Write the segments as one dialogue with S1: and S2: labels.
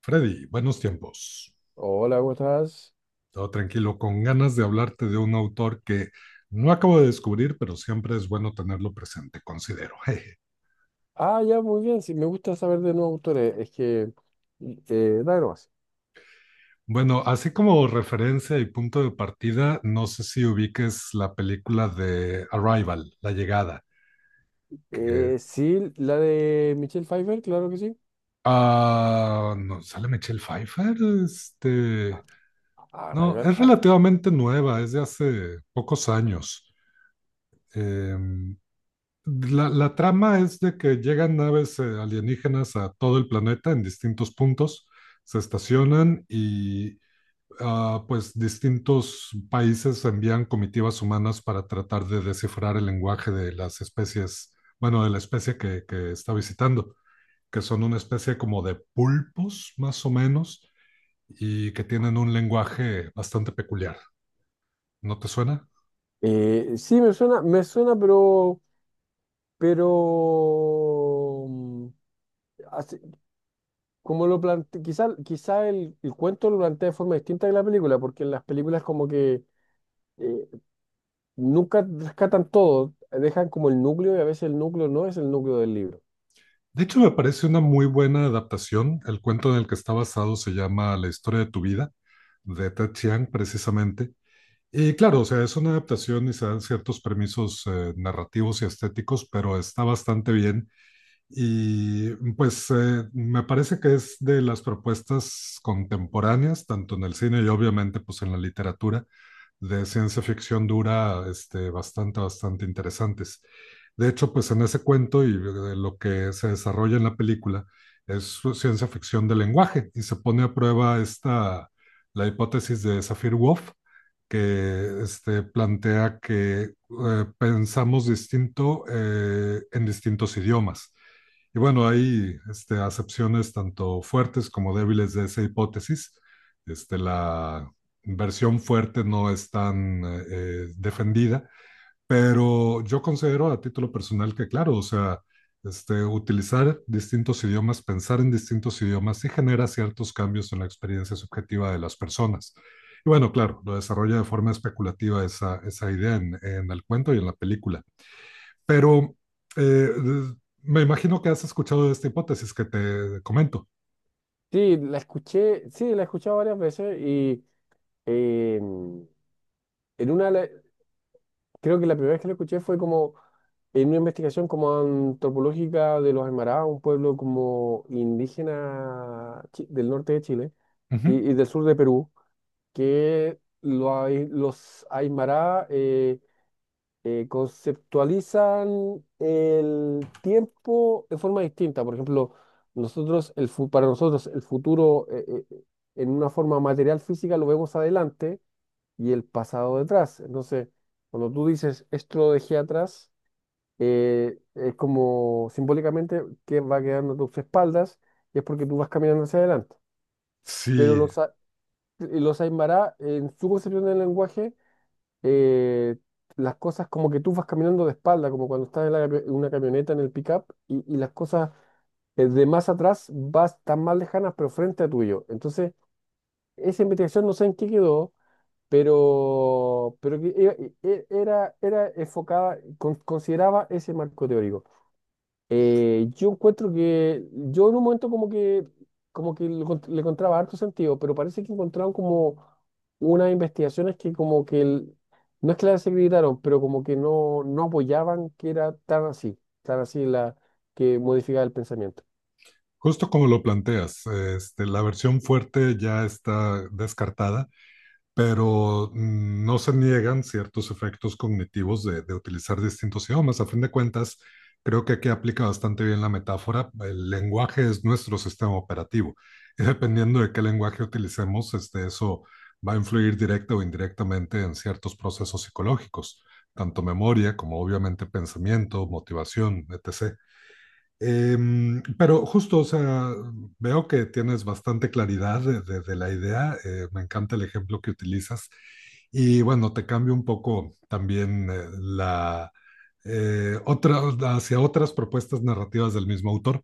S1: Freddy, buenos tiempos.
S2: Hola, ¿cómo estás?
S1: Todo tranquilo, con ganas de hablarte de un autor que no acabo de descubrir, pero siempre es bueno tenerlo presente, considero. Jeje.
S2: Ah, ya, muy bien. Sí, me gusta saber de nuevos autores. Es que, dale nomás.
S1: Bueno, así como referencia y punto de partida, no sé si ubiques la película de Arrival, La Llegada, que...
S2: Sí, la de Michelle Pfeiffer, claro que sí.
S1: Ah, no, ¿sale Michelle Pfeiffer? Este...
S2: Ah,
S1: No,
S2: Rival,
S1: es
S2: ah.
S1: relativamente nueva, es de hace pocos años. Em, la trama es de que llegan naves alienígenas a todo el planeta en distintos puntos, se estacionan y pues distintos países envían comitivas humanas para tratar de descifrar el lenguaje de las especies, bueno, de la especie que está visitando, que son una especie como de pulpos más o menos y que tienen un lenguaje bastante peculiar. ¿No te suena?
S2: Sí, me suena, pero, mm, así- como lo plantea, quizá el cuento lo plantea de forma distinta que la película, porque en las películas como que eh, nunca rescatan todo, dejan como el núcleo y a veces el núcleo no es el núcleo del libro.
S1: De hecho, me parece una muy buena adaptación. El cuento en el que está basado se llama La historia de tu vida, de Ted Chiang, precisamente. Y claro, o sea, es una adaptación y se dan ciertos permisos narrativos y estéticos, pero está bastante bien. Y pues me parece que es de las propuestas contemporáneas, tanto en el cine y obviamente pues en la literatura, de ciencia ficción dura bastante, bastante interesantes. De hecho, pues en ese cuento y de lo que se desarrolla en la película es ciencia ficción del lenguaje y se pone a prueba esta, la hipótesis de Sapir-Whorf, que plantea que pensamos distinto en distintos idiomas. Y bueno, hay acepciones tanto fuertes como débiles de esa hipótesis. La versión fuerte no es tan defendida, pero yo considero a título personal que, claro, o sea, utilizar distintos idiomas, pensar en distintos idiomas sí genera ciertos cambios en la experiencia subjetiva de las personas. Y bueno, claro, lo desarrolla de forma especulativa esa idea el cuento y en la película. Pero eh, me imagino que has escuchado de esta hipótesis que te comento.
S2: Sí, la escuché, sí, la he escuchado varias veces y en una, le- creo que la primera vez que la escuché fue como en una investigación como antropológica de los Aymara, un pueblo como indígena del norte de Chile
S1: Uh
S2: y,
S1: -huh.
S2: y del sur de Perú, que lo los Aymara conceptualizan el tiempo de forma distinta. Por ejemplo, nosotros, para nosotros el futuro en una forma material física lo vemos adelante y el pasado detrás. Entonces, cuando tú dices esto lo dejé atrás, es como simbólicamente que va quedando a tus espaldas y es porque tú vas caminando hacia adelante. Pero
S1: Sí.
S2: los Aymara, en su concepción del lenguaje, eh, las cosas como que tú vas caminando de espalda, como cuando estás en la en una camioneta en el pickup y las cosas de más atrás vas tan más lejanas, pero frente a tuyo. Entonces, esa investigación no sé en qué quedó, pero que era enfocada, consideraba ese marco teórico. Yo encuentro que yo en un momento como que le encontraba harto sentido, pero parece que encontraron como unas investigaciones que como que no es que las secretaron, pero como que no apoyaban que era tan así la que modificaba el pensamiento.
S1: Justo como lo planteas, la versión fuerte ya está descartada, pero no se niegan ciertos efectos cognitivos de utilizar distintos idiomas. A fin de cuentas, creo que aquí aplica bastante bien la metáfora. El lenguaje es nuestro sistema operativo y dependiendo de qué lenguaje utilicemos, eso va a influir directa o indirectamente en ciertos procesos psicológicos, tanto memoria como obviamente pensamiento, motivación, etc. Pero justo, o sea, veo que tienes bastante claridad de la idea. Me encanta el ejemplo que utilizas. Y bueno, te cambio un poco también la otra, hacia otras propuestas narrativas del mismo autor.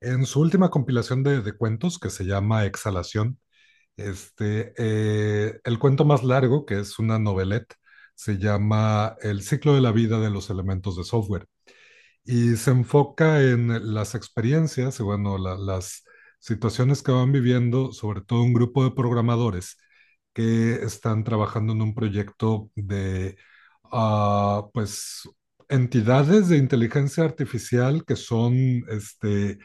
S1: En su última compilación de cuentos, que se llama Exhalación, el cuento más largo, que es una novelette, se llama El ciclo de la vida de los elementos de software y se enfoca en las experiencias y bueno, las situaciones que van viviendo, sobre todo un grupo de programadores que están trabajando en un proyecto de, ah, pues, entidades de inteligencia artificial que son, este,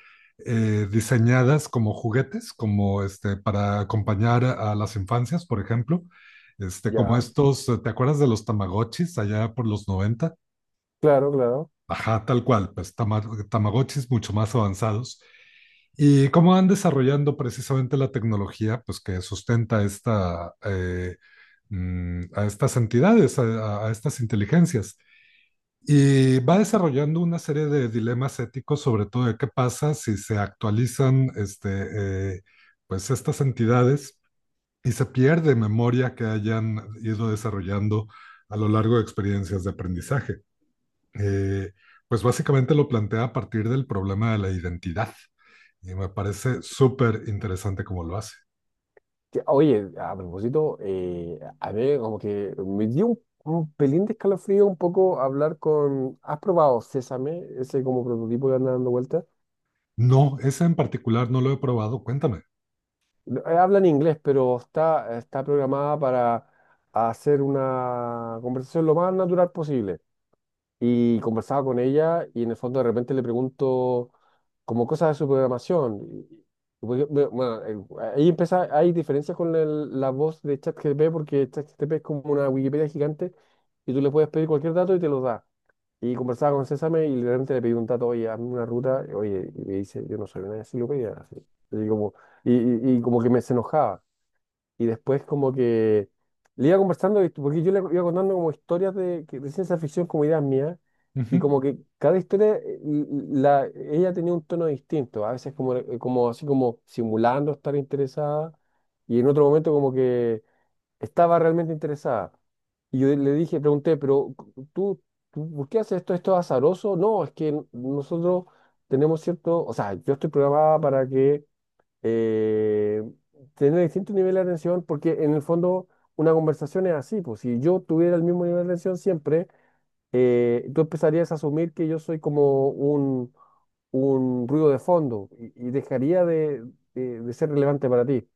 S1: diseñadas como juguetes, como, para acompañar a las infancias, por ejemplo. Como
S2: Ya,
S1: estos, ¿te acuerdas de los Tamagotchis allá por los 90?
S2: claro, claro.
S1: Ajá, tal cual, pues Tamagotchis mucho más avanzados. ¿Y cómo van desarrollando precisamente la tecnología pues, que sustenta a estas entidades, a estas inteligencias? Y va desarrollando una serie de dilemas éticos, sobre todo de qué pasa si se actualizan pues, estas entidades y se pierde memoria que hayan ido desarrollando a lo largo de experiencias de aprendizaje eh, pues básicamente lo plantea a partir del problema de la identidad. Y me parece súper interesante cómo lo hace.
S2: Que, oye, a propósito, a mí como que me dio un pelín de escalofrío un poco hablar con... ¿Has probado Sésame? Ese como prototipo que anda dando vueltas.
S1: No, ese en particular no lo he probado. Cuéntame.
S2: Habla en inglés, pero está programada para hacer una conversación lo más natural posible. Y conversaba con ella y en el fondo de repente le pregunto como cosas de su programación. Porque, bueno, ahí empieza, hay diferencias con la voz de ChatGPT porque ChatGPT es como una Wikipedia gigante y tú le puedes pedir cualquier dato y te lo da. Y conversaba con Césame y literalmente le pedí un dato, oye, hazme una ruta, oye, y me dice, yo no soy una enciclopedia, así. Y como, y como que me se enojaba. Y después como que le iba conversando, porque yo le iba contando como historias de, de ciencia ficción como ideas mías, y
S1: Ujú.
S2: como que cada historia, la, ella tenía un tono distinto, a veces como, como así como simulando estar interesada, y en otro momento como que estaba realmente interesada. Y yo le dije, pregunté, pero tú ¿por qué haces esto? ¿Esto es azaroso? No, es que nosotros tenemos cierto, o sea, yo estoy programada para que eh, tener distintos niveles de atención, porque en el fondo una conversación es así, pues si yo tuviera el mismo nivel de atención siempre, tú empezarías a asumir que yo soy como un ruido de fondo y dejaría de, de ser relevante para ti.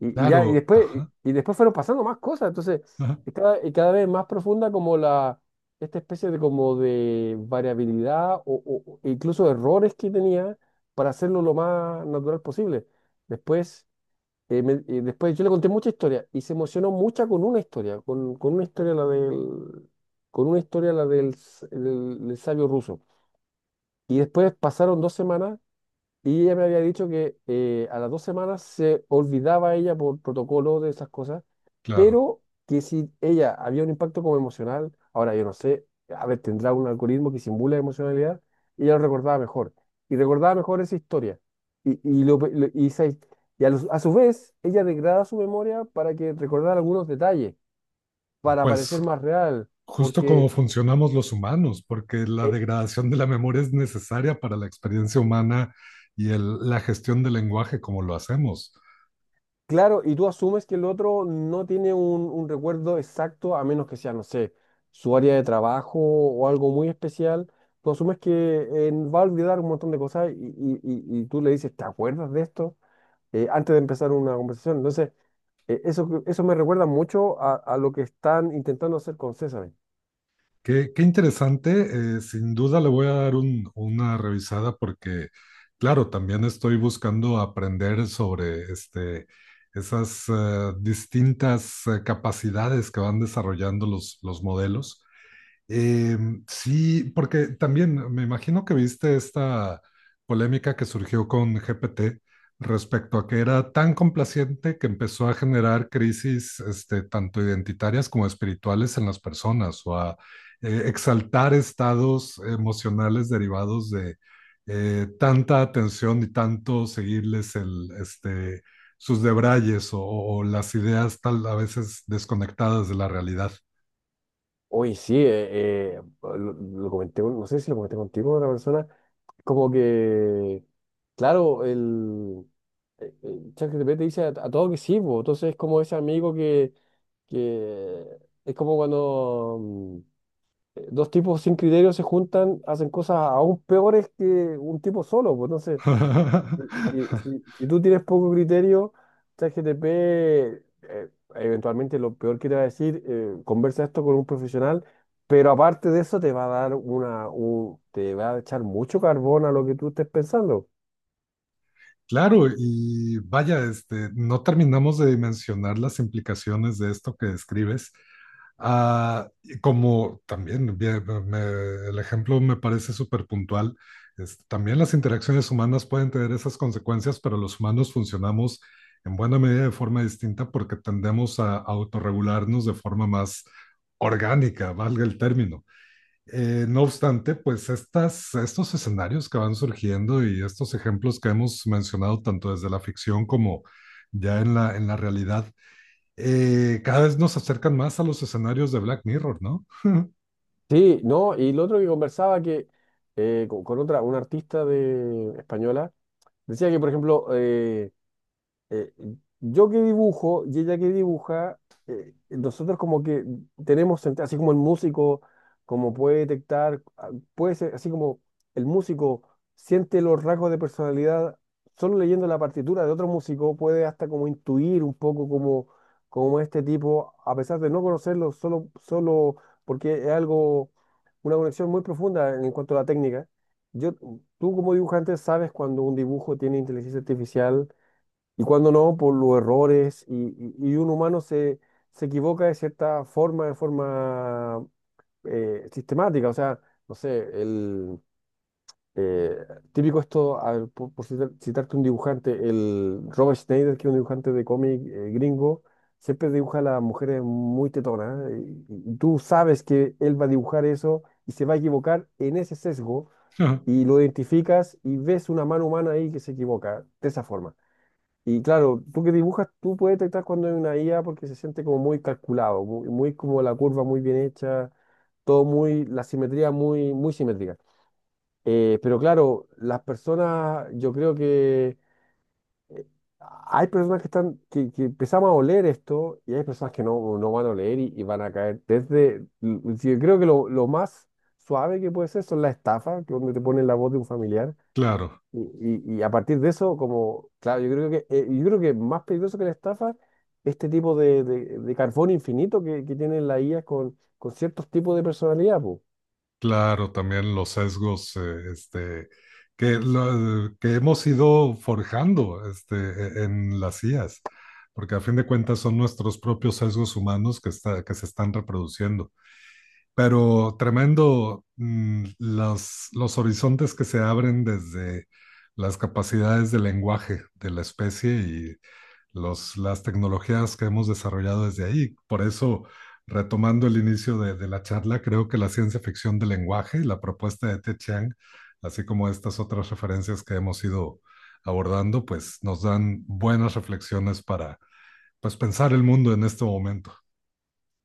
S2: Y ya, y
S1: Claro,
S2: después,
S1: ajá,
S2: y, y después fueron pasando más cosas, entonces,
S1: ajá,
S2: y cada vez más profunda como la... Esta especie de como de variabilidad o incluso errores que tenía para hacerlo lo más natural posible. Después, después yo le conté mucha historia y se emocionó mucha con una historia, con una historia la del, con una historia la del, del sabio ruso. Y después pasaron 2 semanas y ella me había dicho que a las 2 semanas se olvidaba ella por protocolo de esas cosas,
S1: claro.
S2: pero que si ella había un impacto como emocional, ahora yo no sé, a ver, tendrá un algoritmo que simula emocionalidad, y ella lo recordaba mejor. Y recordaba mejor esa historia. Esa a su vez, ella degrada su memoria para que recordara algunos detalles, para
S1: Pues
S2: parecer más real,
S1: justo como
S2: porque,
S1: funcionamos los humanos, porque la
S2: eh,
S1: degradación de la memoria es necesaria para la experiencia humana y la gestión del lenguaje como lo hacemos.
S2: claro, y tú asumes que el otro no tiene un recuerdo exacto, a menos que sea, no sé, su área de trabajo o algo muy especial. Tú asumes que va a olvidar un montón de cosas y tú le dices, ¿te acuerdas de esto? Antes de empezar una conversación. Entonces, eso, eso me recuerda mucho a lo que están intentando hacer con César.
S1: Qué interesante. Sin duda le voy a dar una revisada porque, claro, también estoy buscando aprender sobre esas distintas capacidades que van desarrollando los modelos. Eh, sí, porque también me imagino que viste esta polémica que surgió con GPT respecto a que era tan complaciente que empezó a generar crisis, tanto identitarias como espirituales en las personas o a exaltar estados emocionales derivados de tanta atención y tanto seguirles sus debrayes o las ideas tal a veces desconectadas de la realidad.
S2: Oye, sí, lo comenté, no sé si lo comenté contigo, con otra persona. Como que, claro, ChatGPT te dice a todo que sí, po. Entonces es como ese amigo que, que es como cuando dos tipos sin criterio se juntan, hacen cosas aún peores que un tipo solo, pues entonces si, si- si- si tú tienes poco criterio, ChatGPT eventualmente lo peor que te va a decir, conversa esto con un profesional, pero aparte de eso te va a dar te va a echar mucho carbón a lo que tú estés pensando.
S1: Claro, y vaya, no terminamos de dimensionar las implicaciones de esto que describes. Ah, y como también bien, el ejemplo me parece súper puntual, también las interacciones humanas pueden tener esas consecuencias, pero los humanos funcionamos en buena medida de forma distinta porque tendemos a autorregularnos de forma más orgánica, valga el término. No obstante, pues estos escenarios que van surgiendo y estos ejemplos que hemos mencionado tanto desde la ficción como ya en la realidad, cada vez nos acercan más a los escenarios de Black Mirror, ¿no?
S2: Sí, no, y lo otro que conversaba que con otra, una artista de española, decía que, por ejemplo, eh, yo que dibujo y ella que dibuja, nosotros como que tenemos, así como el músico, como puede detectar, ah, puede ser, así como el músico siente los rasgos de personalidad, solo leyendo la partitura de otro músico puede hasta como intuir un poco como, como este tipo, a pesar de no conocerlo, solo, solo porque es algo, una conexión muy profunda en cuanto a la técnica. Yo, tú como dibujante sabes cuando un dibujo tiene inteligencia artificial y cuando no, por los errores, y un humano se equivoca de cierta forma, de forma sistemática, o sea, no sé, el eh, típico esto, a ver, por citarte un dibujante, el Robert Schneider, que es un dibujante de cómic gringo, siempre dibuja a las mujeres muy tetonas, y tú sabes que él va a dibujar eso y se va a equivocar en ese sesgo,
S1: Ajá.
S2: y lo identificas y ves una mano humana ahí que se equivoca de esa forma. Y claro, tú que dibujas, tú puedes detectar cuando hay una IA porque se siente como muy calculado, muy, muy como la curva muy bien hecha, todo muy, la simetría muy, muy simétrica. Pero claro, las personas, yo creo que eh, hay personas que están, que empezamos a oler esto y hay personas que no van a oler y van a caer desde, yo creo que lo más suave que puede ser son las estafas, que donde te ponen la voz de un familiar
S1: Claro,
S2: y, y a partir de eso, como, claro, yo creo que más peligroso que la estafa, este tipo de, de carbón infinito que tienen las IA con ciertos tipos de personalidad, po.
S1: claro, también los sesgos que hemos ido forjando en las IAs, porque a fin de cuentas son nuestros propios sesgos humanos que se están reproduciendo. Pero tremendo los horizontes que se abren desde las capacidades de lenguaje de la especie y las tecnologías que hemos desarrollado desde ahí. Por eso, retomando el inicio de la charla, creo que la ciencia ficción del lenguaje, la propuesta de Te Chiang, así como estas otras referencias que hemos ido abordando, pues nos dan buenas reflexiones para pues, pensar el mundo en este momento.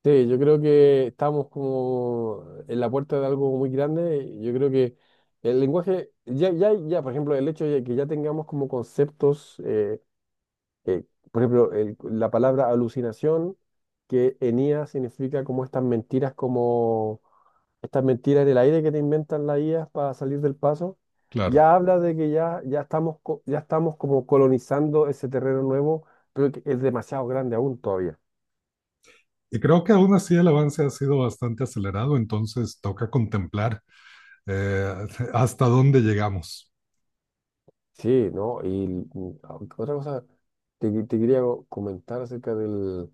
S2: Sí, yo creo que estamos como en la puerta de algo muy grande. Yo creo que el lenguaje, por ejemplo, el hecho de que ya tengamos como conceptos eh, por ejemplo, la palabra alucinación, que enía significa como estas mentiras en el aire que te inventan las IAs para salir del paso,
S1: Claro.
S2: ya habla de que ya, ya estamos como colonizando ese terreno nuevo, pero que es demasiado grande aún todavía.
S1: Y creo que aún así el avance ha sido bastante acelerado, entonces toca contemplar eh, hasta dónde llegamos.
S2: Sí, ¿no? Y ah, otra cosa te quería comentar acerca del,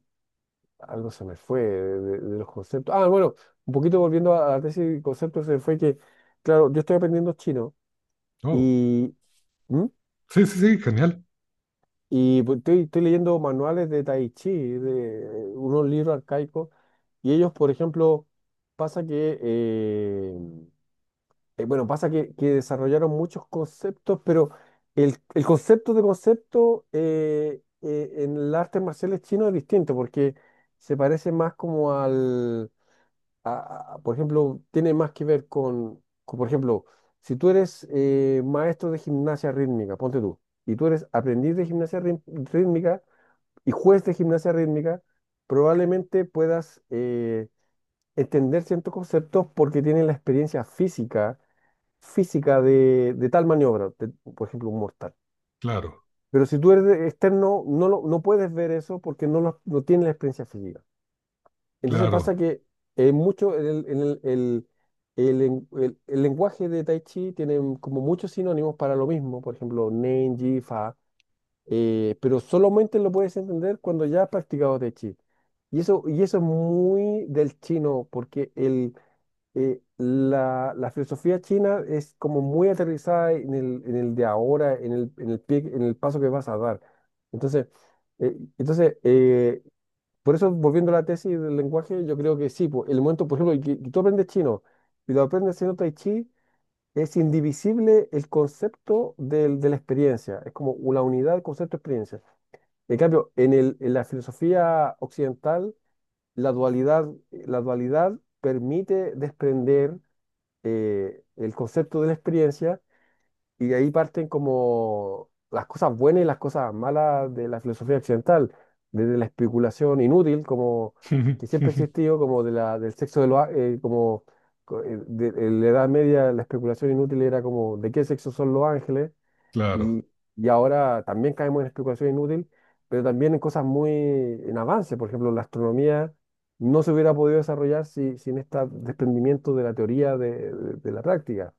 S2: algo se me fue de, de los conceptos. Ah, bueno, un poquito volviendo a la tesis de conceptos, se me fue que, claro, yo estoy aprendiendo chino
S1: Oh,
S2: y, ¿Mm?
S1: sí, sí, sí, genial.
S2: Y pues estoy leyendo manuales de Tai Chi, de unos libros arcaicos, y ellos, por ejemplo, pasa que, bueno, pasa que desarrollaron muchos conceptos, pero el concepto de concepto en el arte marcial chino es distinto, porque se parece más como al por ejemplo, tiene más que ver por ejemplo, si tú eres maestro de gimnasia rítmica, ponte tú, y tú eres aprendiz de gimnasia rítmica y juez de gimnasia rítmica, probablemente puedas entender ciertos conceptos porque tienen la experiencia física, física de tal maniobra, de, por ejemplo, un mortal.
S1: Claro,
S2: Pero si tú eres externo, no, no puedes ver eso porque no, no tienes la experiencia física. Entonces pasa
S1: claro,
S2: que mucho en el el lenguaje de Tai Chi tiene como muchos sinónimos para lo mismo, por ejemplo, Nen, Ji, Fa, pero solamente lo puedes entender cuando ya has practicado Tai Chi. Y eso es muy del chino, porque la filosofía china es como muy aterrizada en el de ahora, en el paso que vas a dar. Entonces, eh, entonces eh, por eso, volviendo a la tesis del lenguaje, yo creo que sí, po, el momento, por ejemplo, que tú aprendes chino y lo aprendes haciendo tai chi, es indivisible el concepto de la experiencia, es como una unidad, concepto, experiencia. En cambio, en la filosofía occidental, la dualidad permite desprender el concepto de la experiencia y de ahí parten como las cosas buenas y las cosas malas de la filosofía occidental, desde la especulación inútil, como que siempre ha existido, como de la, del sexo de los, á- como en la Edad Media la especulación inútil era como de qué sexo son los ángeles,
S1: claro.
S2: y, y ahora también caemos en especulación inútil, pero también en cosas muy en avance, por ejemplo, la astronomía no se hubiera podido desarrollar sin este desprendimiento de la teoría de la práctica.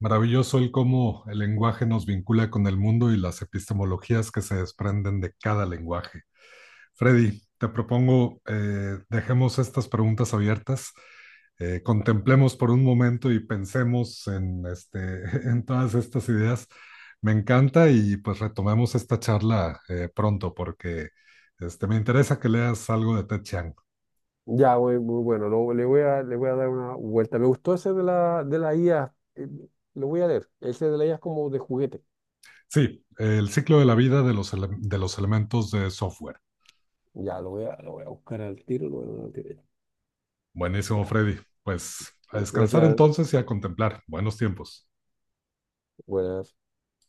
S1: Maravilloso el cómo el lenguaje nos vincula con el mundo y las epistemologías que se desprenden de cada lenguaje. Freddy, te propongo, dejemos estas preguntas abiertas, contemplemos por un momento y pensemos en todas estas ideas. Me encanta y pues retomemos esta charla pronto porque me interesa que leas algo de Ted Chiang.
S2: Ya, muy, muy bueno, le voy a dar una vuelta. Me gustó ese de la IA, lo voy a leer. Ese de la IA es como de juguete.
S1: Sí, el ciclo de la vida de de los elementos de software.
S2: Ya, lo voy a buscar al tiro, lo voy a dar al tiro.
S1: Buenísimo,
S2: Ya,
S1: Freddy. Pues a descansar
S2: gracias,
S1: entonces y a contemplar. Buenos tiempos.
S2: buenas.